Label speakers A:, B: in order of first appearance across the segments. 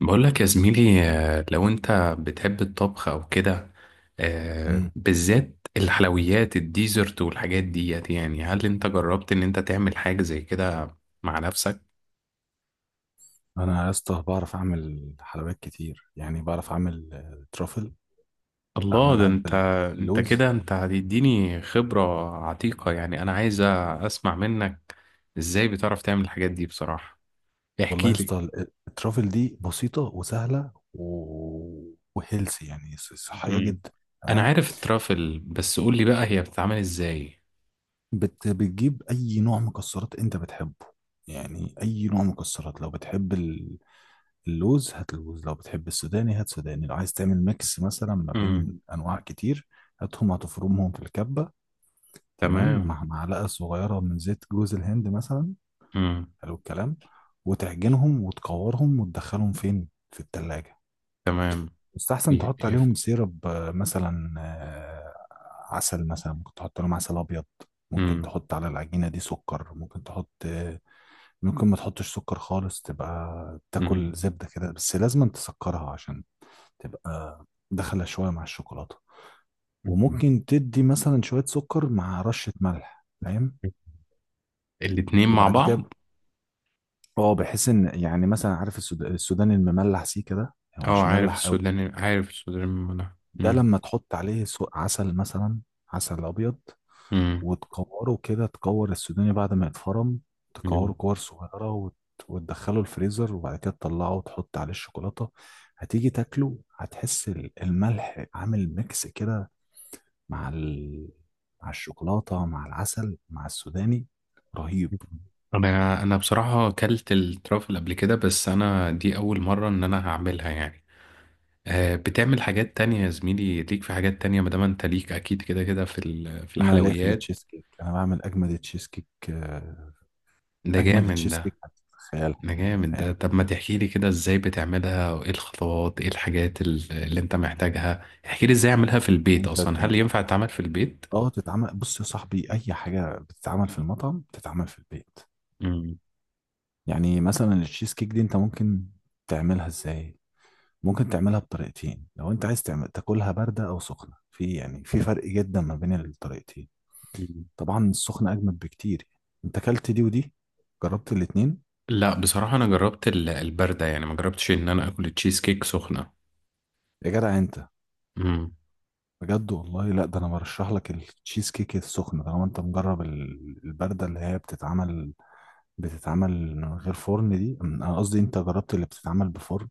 A: بقول لك يا زميلي، لو انت بتحب الطبخ او كده.
B: مم.
A: بالذات الحلويات الديزرت والحاجات ديت، يعني هل انت جربت ان انت تعمل حاجة زي كده مع نفسك؟
B: انا يا اسطى بعرف اعمل حلويات كتير، يعني بعرف اعمل ترافل.
A: الله، ده
B: بعملها
A: انت!
B: بال-
A: انت كده،
B: باللوز.
A: انت هتديني خبرة عتيقة، يعني انا عايز اسمع منك ازاي بتعرف تعمل الحاجات دي، بصراحة
B: والله
A: احكي
B: يا
A: لي.
B: اسطى الترافل دي بسيطه وسهله وهيلثي، يعني صحيه
A: مم.
B: جدا.
A: انا
B: تمام.
A: عارف الترافل، بس قول لي بقى هي بتتعمل ازاي؟
B: بتجيب اي نوع مكسرات انت بتحبه، يعني اي نوع مكسرات. لو بتحب اللوز هات لوز، لو بتحب السوداني هات سوداني، لو عايز تعمل ميكس مثلا ما
A: امم.
B: بين انواع كتير هاتهم، هتفرمهم في الكبه. تمام،
A: تمام.
B: ومع معلقة صغيرة من زيت جوز الهند مثلا.
A: امم.
B: حلو الكلام. وتعجنهم وتكورهم وتدخلهم فين؟ في التلاجة.
A: تمام.
B: يستحسن
A: ي-
B: تحط
A: يف-
B: عليهم سيرب، مثلا، عسل مثلا، ممكن تحط عليهم عسل أبيض، ممكن
A: مم.
B: تحط على العجينة دي سكر، ممكن تحط، ممكن ما تحطش سكر خالص، تبقى تاكل
A: مم.
B: زبدة كده، بس لازم تسكرها عشان تبقى داخلة شوية مع الشوكولاتة.
A: مم.
B: وممكن تدي مثلا شوية سكر مع رشة ملح، فاهم؟
A: الاتنين مع
B: وبعد كده
A: بعض.
B: اه بحس ان يعني مثلا، عارف السوداني المملح سيكا ده؟ هو
A: اه،
B: مش
A: عارف
B: مملح قوي.
A: السوداني، عارف السوداني من المنع.
B: ده
A: مم.
B: لما تحط عليه عسل مثلا، عسل ابيض،
A: مم.
B: وتكوره كده، تكور السوداني بعد ما يتفرم. تكوره
A: مم.
B: كور صغيره وتدخله الفريزر وبعد كده تطلعه وتحط عليه الشوكولاته. هتيجي تاكله، هتحس الملح عامل ميكس كده، مع ال... مع الشوكولاته مع العسل مع السوداني. رهيب.
A: طب، انا بصراحة اكلت الترافل قبل كده، بس انا دي اول مرة ان انا هعملها يعني. آه، بتعمل حاجات تانية يا زميلي؟ ليك في حاجات تانية، ما دام انت ليك اكيد، كده كده، في
B: انا ليا في
A: الحلويات
B: التشيز كيك، انا بعمل اجمد تشيز كيك،
A: ده
B: اجمد
A: جامد
B: تشيز
A: ده.
B: كيك هتتخيل،
A: ده
B: يعني
A: جامد ده.
B: فاهم؟
A: طب ما تحكي لي كده ازاي بتعملها، وايه الخطوات، ايه الحاجات اللي انت محتاجها؟ احكي لي ازاي اعملها في البيت،
B: انت
A: اصلا
B: ت-
A: هل ينفع تعمل في البيت؟
B: اه تتعمل. بص يا صاحبي، اي حاجه بتتعمل في المطعم بتتعمل في البيت. يعني مثلا التشيز كيك دي انت ممكن تعملها ازاي؟ ممكن تعملها بطريقتين، لو انت عايز تعمل تاكلها بارده او سخنه، في يعني في فرق جدا ما بين الطريقتين.
A: مم.
B: طبعا السخنه اجمد بكتير. انت اكلت دي ودي؟ جربت الاتنين؟
A: لا، بصراحة أنا جربت الباردة، يعني ما جربتش إن أنا آكل التشيز كيك سخنة.
B: يا جدع انت،
A: مم.
B: بجد والله. لا، ده انا برشح لك التشيز كيك السخنه طالما انت مجرب البارده، اللي هي بتتعمل من غير فرن. دي انا قصدي انت جربت اللي بتتعمل بفرن؟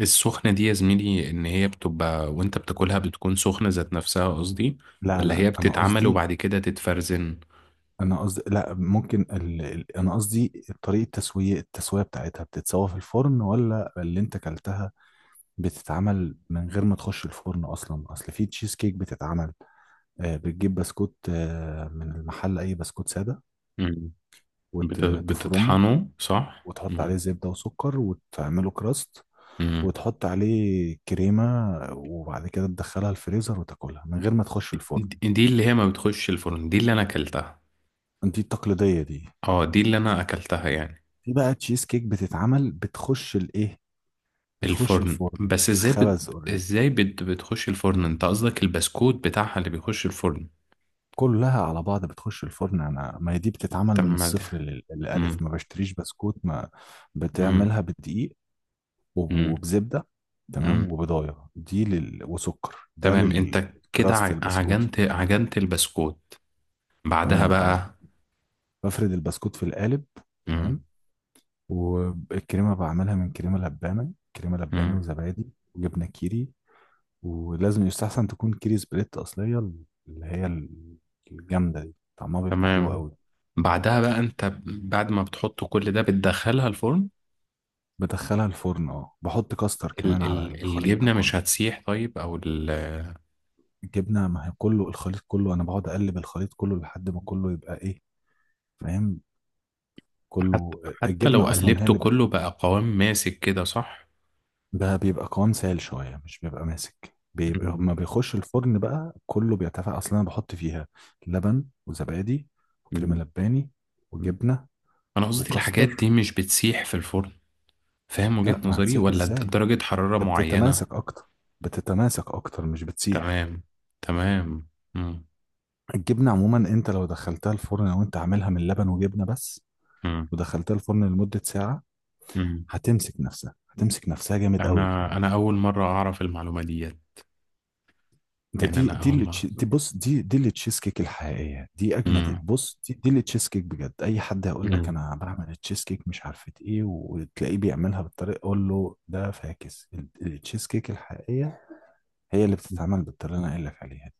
A: السخنة دي يا زميلي، إن هي بتبقى وأنت بتاكلها بتكون سخنة ذات نفسها قصدي،
B: لا
A: ولا
B: لا،
A: هي
B: انا
A: بتتعمل
B: قصدي
A: وبعد كده تتفرزن؟
B: انا قصدي لا، ممكن انا قصدي، طريقة التسوية، التسوية بتاعتها بتتسوى في الفرن، ولا اللي انت كلتها بتتعمل من غير ما تخش الفرن اصلا؟ اصل في تشيز كيك بتتعمل، بتجيب بسكوت من المحل، اي بسكوت سادة،
A: مم. بت-
B: وتفرمه
A: بتطحنه صح؟
B: وتحط عليه
A: مم.
B: زبدة وسكر وتعمله كراست،
A: مم.
B: وتحط عليه كريمة، وبعد كده تدخلها الفريزر وتاكلها من غير ما تخش الفرن.
A: دي اللي هي ما بتخش الفرن، دي اللي أنا أكلتها.
B: دي التقليدية دي.
A: اه، دي اللي أنا أكلتها يعني.
B: في بقى تشيز كيك بتتعمل بتخش الايه؟ بتخش
A: الفرن،
B: الفرن،
A: بس ازاي بت...
B: تتخبز اوريدي،
A: ازاي بت... بتخش الفرن، انت قصدك البسكوت بتاعها اللي بيخش الفرن؟
B: كلها على بعض بتخش الفرن. انا، ما هي دي بتتعمل
A: طب
B: من
A: ما
B: الصفر
A: ده.
B: للالف،
A: مم.
B: ما بشتريش بسكوت، ما
A: امم.
B: بتعملها بدقيق
A: امم.
B: وبزبدة. تمام.
A: امم.
B: وبضايه دي، وسكر ده
A: تمام. انت كده
B: للكراست
A: ع-
B: البسكوت.
A: عجنت عجنت البسكوت، بعدها
B: تمام، اه.
A: بقى.
B: بفرد البسكوت في القالب.
A: امم.
B: تمام. والكريمة بعملها من كريمة لبانة، كريمة لباني
A: امم.
B: وزبادي وجبنة كيري. ولازم يستحسن تكون كيري سبليت أصلية، اللي هي الجامدة دي، طعمها بيبقى حلو
A: تمام.
B: قوي.
A: بعدها بقى انت بعد ما بتحط كل ده بتدخلها الفرن.
B: بدخلها الفرن، اه، بحط كاستر
A: ال
B: كمان على
A: ال
B: الخليط ده
A: الجبنة مش
B: كله.
A: هتسيح؟ طيب او ال
B: الجبنة، ما هي كله، الخليط كله أنا بقعد أقلب الخليط كله لحد ما كله يبقى إيه، فاهم؟
A: حتى
B: كله،
A: حتى لو
B: الجبنة أصلا هي
A: قلبته
B: اللي،
A: كله بقى قوام ماسك كده، صح؟
B: ده بيبقى قوام سائل شوية، مش بيبقى ماسك. بيبقى
A: امم.
B: لما بيخش الفرن بقى كله بيتفاعل. أصلا أنا بحط فيها لبن وزبادي وكريمة
A: امم.
B: لباني
A: امم.
B: وجبنة
A: انا قصدي الحاجات
B: وكاستر.
A: دي مش بتسيح في الفرن؟ فاهم
B: لا،
A: وجهة
B: ما
A: نظري؟
B: هتسيح
A: ولا د-
B: ازاي؟
A: درجة حرارة
B: ده
A: معينة؟
B: بتتماسك أكتر، بتتماسك أكتر مش بتسيح.
A: تمام. تمام. امم.
B: الجبنة عموما، أنت لو دخلتها الفرن أو أنت عاملها من لبن وجبنة بس ودخلتها الفرن لمدة ساعة،
A: امم.
B: هتمسك نفسها، هتمسك نفسها جامد قوي
A: انا
B: كمان.
A: انا اول مره اعرف المعلومه ديت.
B: ده
A: يعني
B: دي
A: انا
B: دي
A: اول
B: اللي
A: مره.
B: تش- دي بص دي اللي تشيز كيك الحقيقيه، دي اجمد.
A: امم.
B: بص، دي اللي تشيز كيك بجد. اي حد هيقول لك
A: امم.
B: انا بعمل التشيز كيك مش عارفه ايه، وتلاقيه بيعملها بالطريقه، قول له ده فاكس. التشيز كيك الحقيقيه هي اللي
A: أمم.
B: بتتعمل بالطريقه اللي انا قايل لك عليها دي.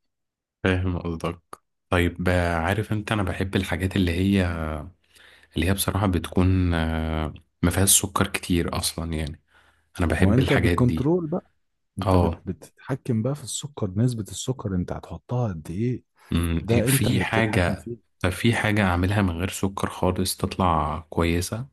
A: فاهم قصدك. طيب، عارف انت انا بحب الحاجات اللي هي بصراحه بتكون، ما فيهاش سكر كتير اصلا يعني، انا
B: ما هو
A: بحب
B: انت
A: الحاجات دي.
B: بالكنترول بقى، انت
A: اه.
B: بتتحكم بقى في السكر، نسبه السكر انت هتحطها قد ايه،
A: أمم.
B: ده انت
A: في
B: اللي بتتحكم
A: حاجه
B: فيه.
A: طب في حاجه اعملها من غير سكر خالص تطلع كويسه؟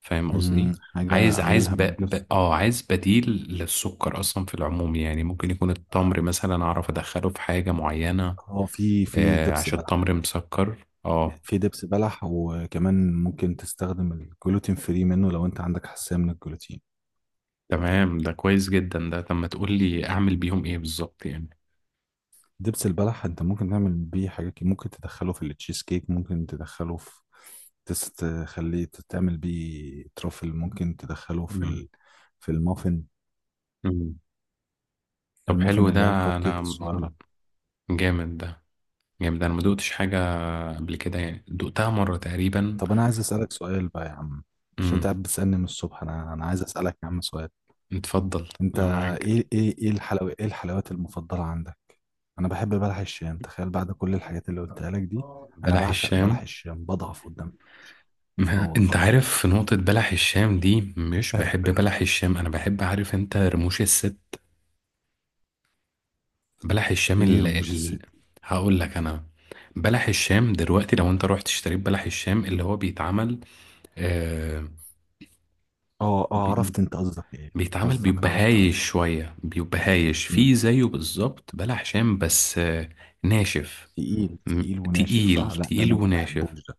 A: فاهم قصدي؟
B: حاجه
A: عايز عايز
B: اعملها
A: ب...
B: من غير
A: ب...
B: سكر.
A: اه عايز بديل للسكر اصلا في العموم، يعني ممكن يكون التمر مثلا، اعرف ادخله في حاجه معينه؟
B: هو في
A: آه،
B: دبس
A: عشان
B: بلح.
A: تمر مسكر، اه.
B: في دبس بلح وكمان ممكن تستخدم الجلوتين فري منه لو انت عندك حساسية من الجلوتين.
A: تمام، ده كويس جدا ده. طب ما تقول لي اعمل بيهم ايه بالظبط يعني؟
B: دبس البلح انت ممكن تعمل بيه حاجات كتير. ممكن تدخله في التشيز كيك، ممكن تدخله تخليه تعمل بيه ترافل، ممكن تدخله
A: مم.
B: في المافن.
A: مم. طب، حلو
B: المافن
A: ده.
B: اللي هي الكب كيك الصغيرة.
A: مم. جامد ده. جامد ده، انا ما دقتش حاجة قبل كده يعني، دقتها مرة تقريبا.
B: طب انا عايز اسألك سؤال بقى يا عم، عشان انت
A: امم.
B: قاعد بتسألني من الصبح. انا عايز اسألك يا عم سؤال.
A: اتفضل.
B: انت
A: انا معاك.
B: ايه ايه ايه الحلوى ايه الحلويات المفضلة عندك؟ انا بحب بلح الشام، تخيل، بعد كل الحاجات اللي قلتها لك دي. انا
A: بلح
B: بعشق بلح
A: الشام؟
B: الشام، بضعف قدامه. اه،
A: انت
B: والله.
A: عارف، في نقطة، بلح الشام دي مش بحب بلح الشام، انا بحب، عارف انت، رموش الست. بلح الشام
B: ايه رموش الست؟
A: هقول لك انا. بلح الشام دلوقتي، لو انت رحت اشتريت بلح الشام اللي هو بيتعمل آه...
B: اه اه،
A: بي...
B: عرفت انت قصدك ايه.
A: بيتعمل
B: قصدك،
A: بيبقى
B: عرفت قصدك.
A: هايش شوية، بيبقى هايش
B: مم.
A: فيه زيه بالظبط بلح شام، بس ناشف.
B: تقيل
A: م...
B: تقيل وناشف، صح؟
A: تقيل
B: لا، ده
A: تقيل
B: انا ما
A: وناشف.
B: بحبوش ده.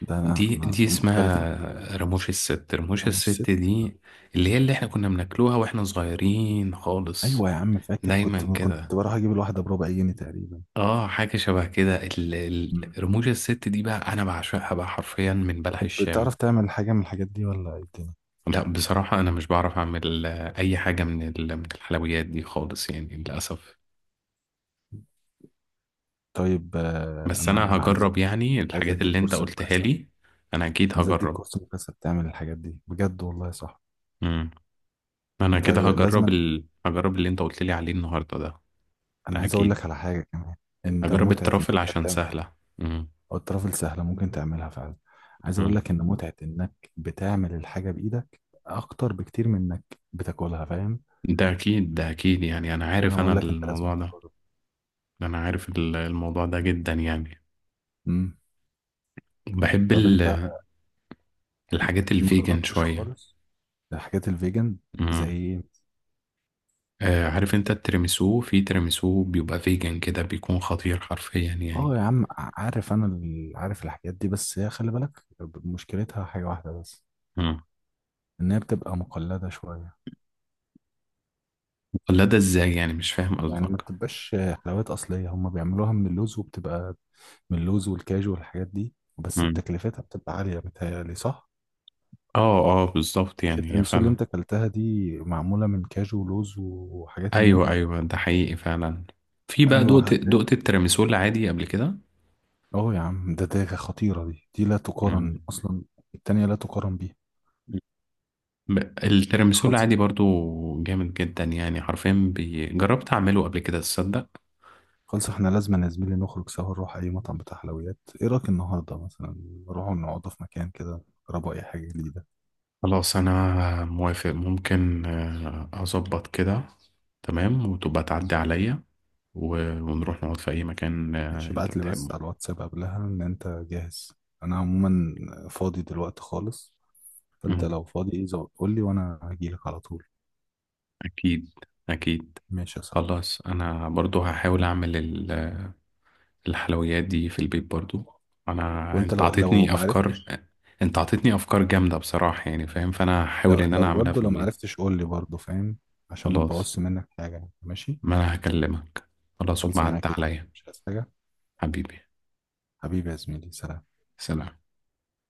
B: ده انا
A: دي
B: انا
A: دي
B: مختلف معاك.
A: اسمها رموش الست، رموش
B: رموش
A: الست
B: الست.
A: دي اللي احنا كنا بناكلوها واحنا صغيرين خالص.
B: ايوه يا عم، فاكر كنت
A: دايما
B: كنت
A: كده.
B: بروح اجيب الواحدة بربع جنيه تقريبا.
A: اه، حاجة شبه كده،
B: مم.
A: رموش الست دي بقى انا بعشقها بقى حرفيا من بلح
B: طب
A: الشام.
B: بتعرف تعمل حاجة من الحاجات دي ولا ايه الدنيا؟
A: لا، بصراحة انا مش بعرف اعمل اي حاجة من من الحلويات دي خالص يعني، للأسف.
B: طيب،
A: بس انا
B: انا عايز
A: هجرب
B: اديك،
A: يعني
B: عايز
A: الحاجات
B: اديك
A: اللي انت
B: كورس
A: قلتها
B: مكثف
A: لي. انا اكيد
B: عايز اديك
A: هجرب.
B: كورس مكثف تعمل الحاجات دي بجد والله، صح.
A: امم. انا
B: انت
A: كده هجرب
B: لازم.
A: ال... هجرب اللي انت قلت لي عليه النهاردة ده.
B: انا
A: ده
B: عايز اقول
A: اكيد.
B: لك على حاجه كمان. انت
A: هجرب
B: متعه ان
A: الترافل
B: انت
A: عشان
B: بتعمل،
A: سهلة. امم.
B: او الطرف السهله ممكن تعملها فعلا. عايز اقول
A: امم.
B: لك ان متعه انك بتعمل الحاجه بايدك اكتر بكتير من انك بتاكلها، فاهم؟
A: ده اكيد، ده اكيد يعني، انا
B: انا
A: عارف
B: بقول لك انت لازم
A: الموضوع ده.
B: تجرب.
A: انا عارف الموضوع ده جدا يعني.
B: امم.
A: بحب
B: طب انت
A: الحاجات
B: ما
A: الفيجن
B: جربتش
A: شوية.
B: خالص الحاجات الفيجن؟ زي
A: مم.
B: إيه؟
A: آه، عارف انت التيراميسو، في تيراميسو بيبقى فيجن كده بيكون خطير حرفيا يعني.
B: اه يا عم، عارف انا، عارف الحاجات دي، بس هي خلي بالك، مشكلتها حاجة واحدة بس،
A: مم.
B: ان هي بتبقى مقلدة شوية،
A: ولا ده ازاي، يعني مش فاهم
B: يعني ما
A: قصدك.
B: بتبقاش حلويات اصلية. هما بيعملوها من اللوز وبتبقى من اللوز والكاجو والحاجات دي، بس
A: مم.
B: بتكلفتها بتبقى عالية متهيألي، صح؟
A: اه اه، بالظبط،
B: مش
A: يعني هي
B: التيراميسو اللي
A: فعلا.
B: انت اكلتها دي معمولة من كاجو ولوز وحاجات من دي؟
A: ايوه ايوه، ده حقيقي فعلا. في بقى،
B: ايوه،
A: دقت دقت التيراميسو العادي قبل كده؟
B: اه يا عم، ده خطيرة، دي لا تقارن
A: مم.
B: اصلا. التانية لا تقارن
A: التيراميسو
B: بيها.
A: العادي برضو جامد جدا يعني حرفيا، جربت اعمله قبل كده، تصدق؟
B: خلص، احنا لازم يا زميلي نخرج سوا، نروح اي مطعم بتاع حلويات، ايه رايك النهارده مثلا؟ نروح نقعد في مكان كده، نجربوا اي حاجه جديده.
A: خلاص، انا موافق، ممكن اظبط كده. تمام، وتبقى تعدي عليا ونروح نقعد في اي مكان
B: ماشي،
A: انت
B: ابعت لي
A: بتحبه.
B: بس على الواتساب قبلها ان انت جاهز. انا عموما فاضي دلوقتي خالص، فانت
A: مم.
B: لو فاضي قول لي وانا هجيلك على طول.
A: اكيد. اكيد.
B: ماشي يا صاحبي.
A: خلاص، انا برضو هحاول اعمل الحلويات دي في البيت برضو.
B: وانت
A: انت
B: لو
A: عطيتني
B: ما
A: افكار.
B: عرفتش،
A: انت عطيتني افكار جامدة بصراحة يعني، فاهم، فانا هحاول
B: لو
A: ان انا
B: لو
A: اعملها في
B: برضه لو ما
A: البيت.
B: عرفتش قول لي برضه، فاهم؟ عشان ما
A: خلاص،
B: تبوظش منك حاجه يعني. ماشي.
A: ما انا هكلمك. خلاص،
B: خلص
A: وبعد
B: معاك يا زميلي،
A: عليا.
B: مش عايز حاجه.
A: حبيبي.
B: حبيبي يا زميلي، سلام.
A: سلام.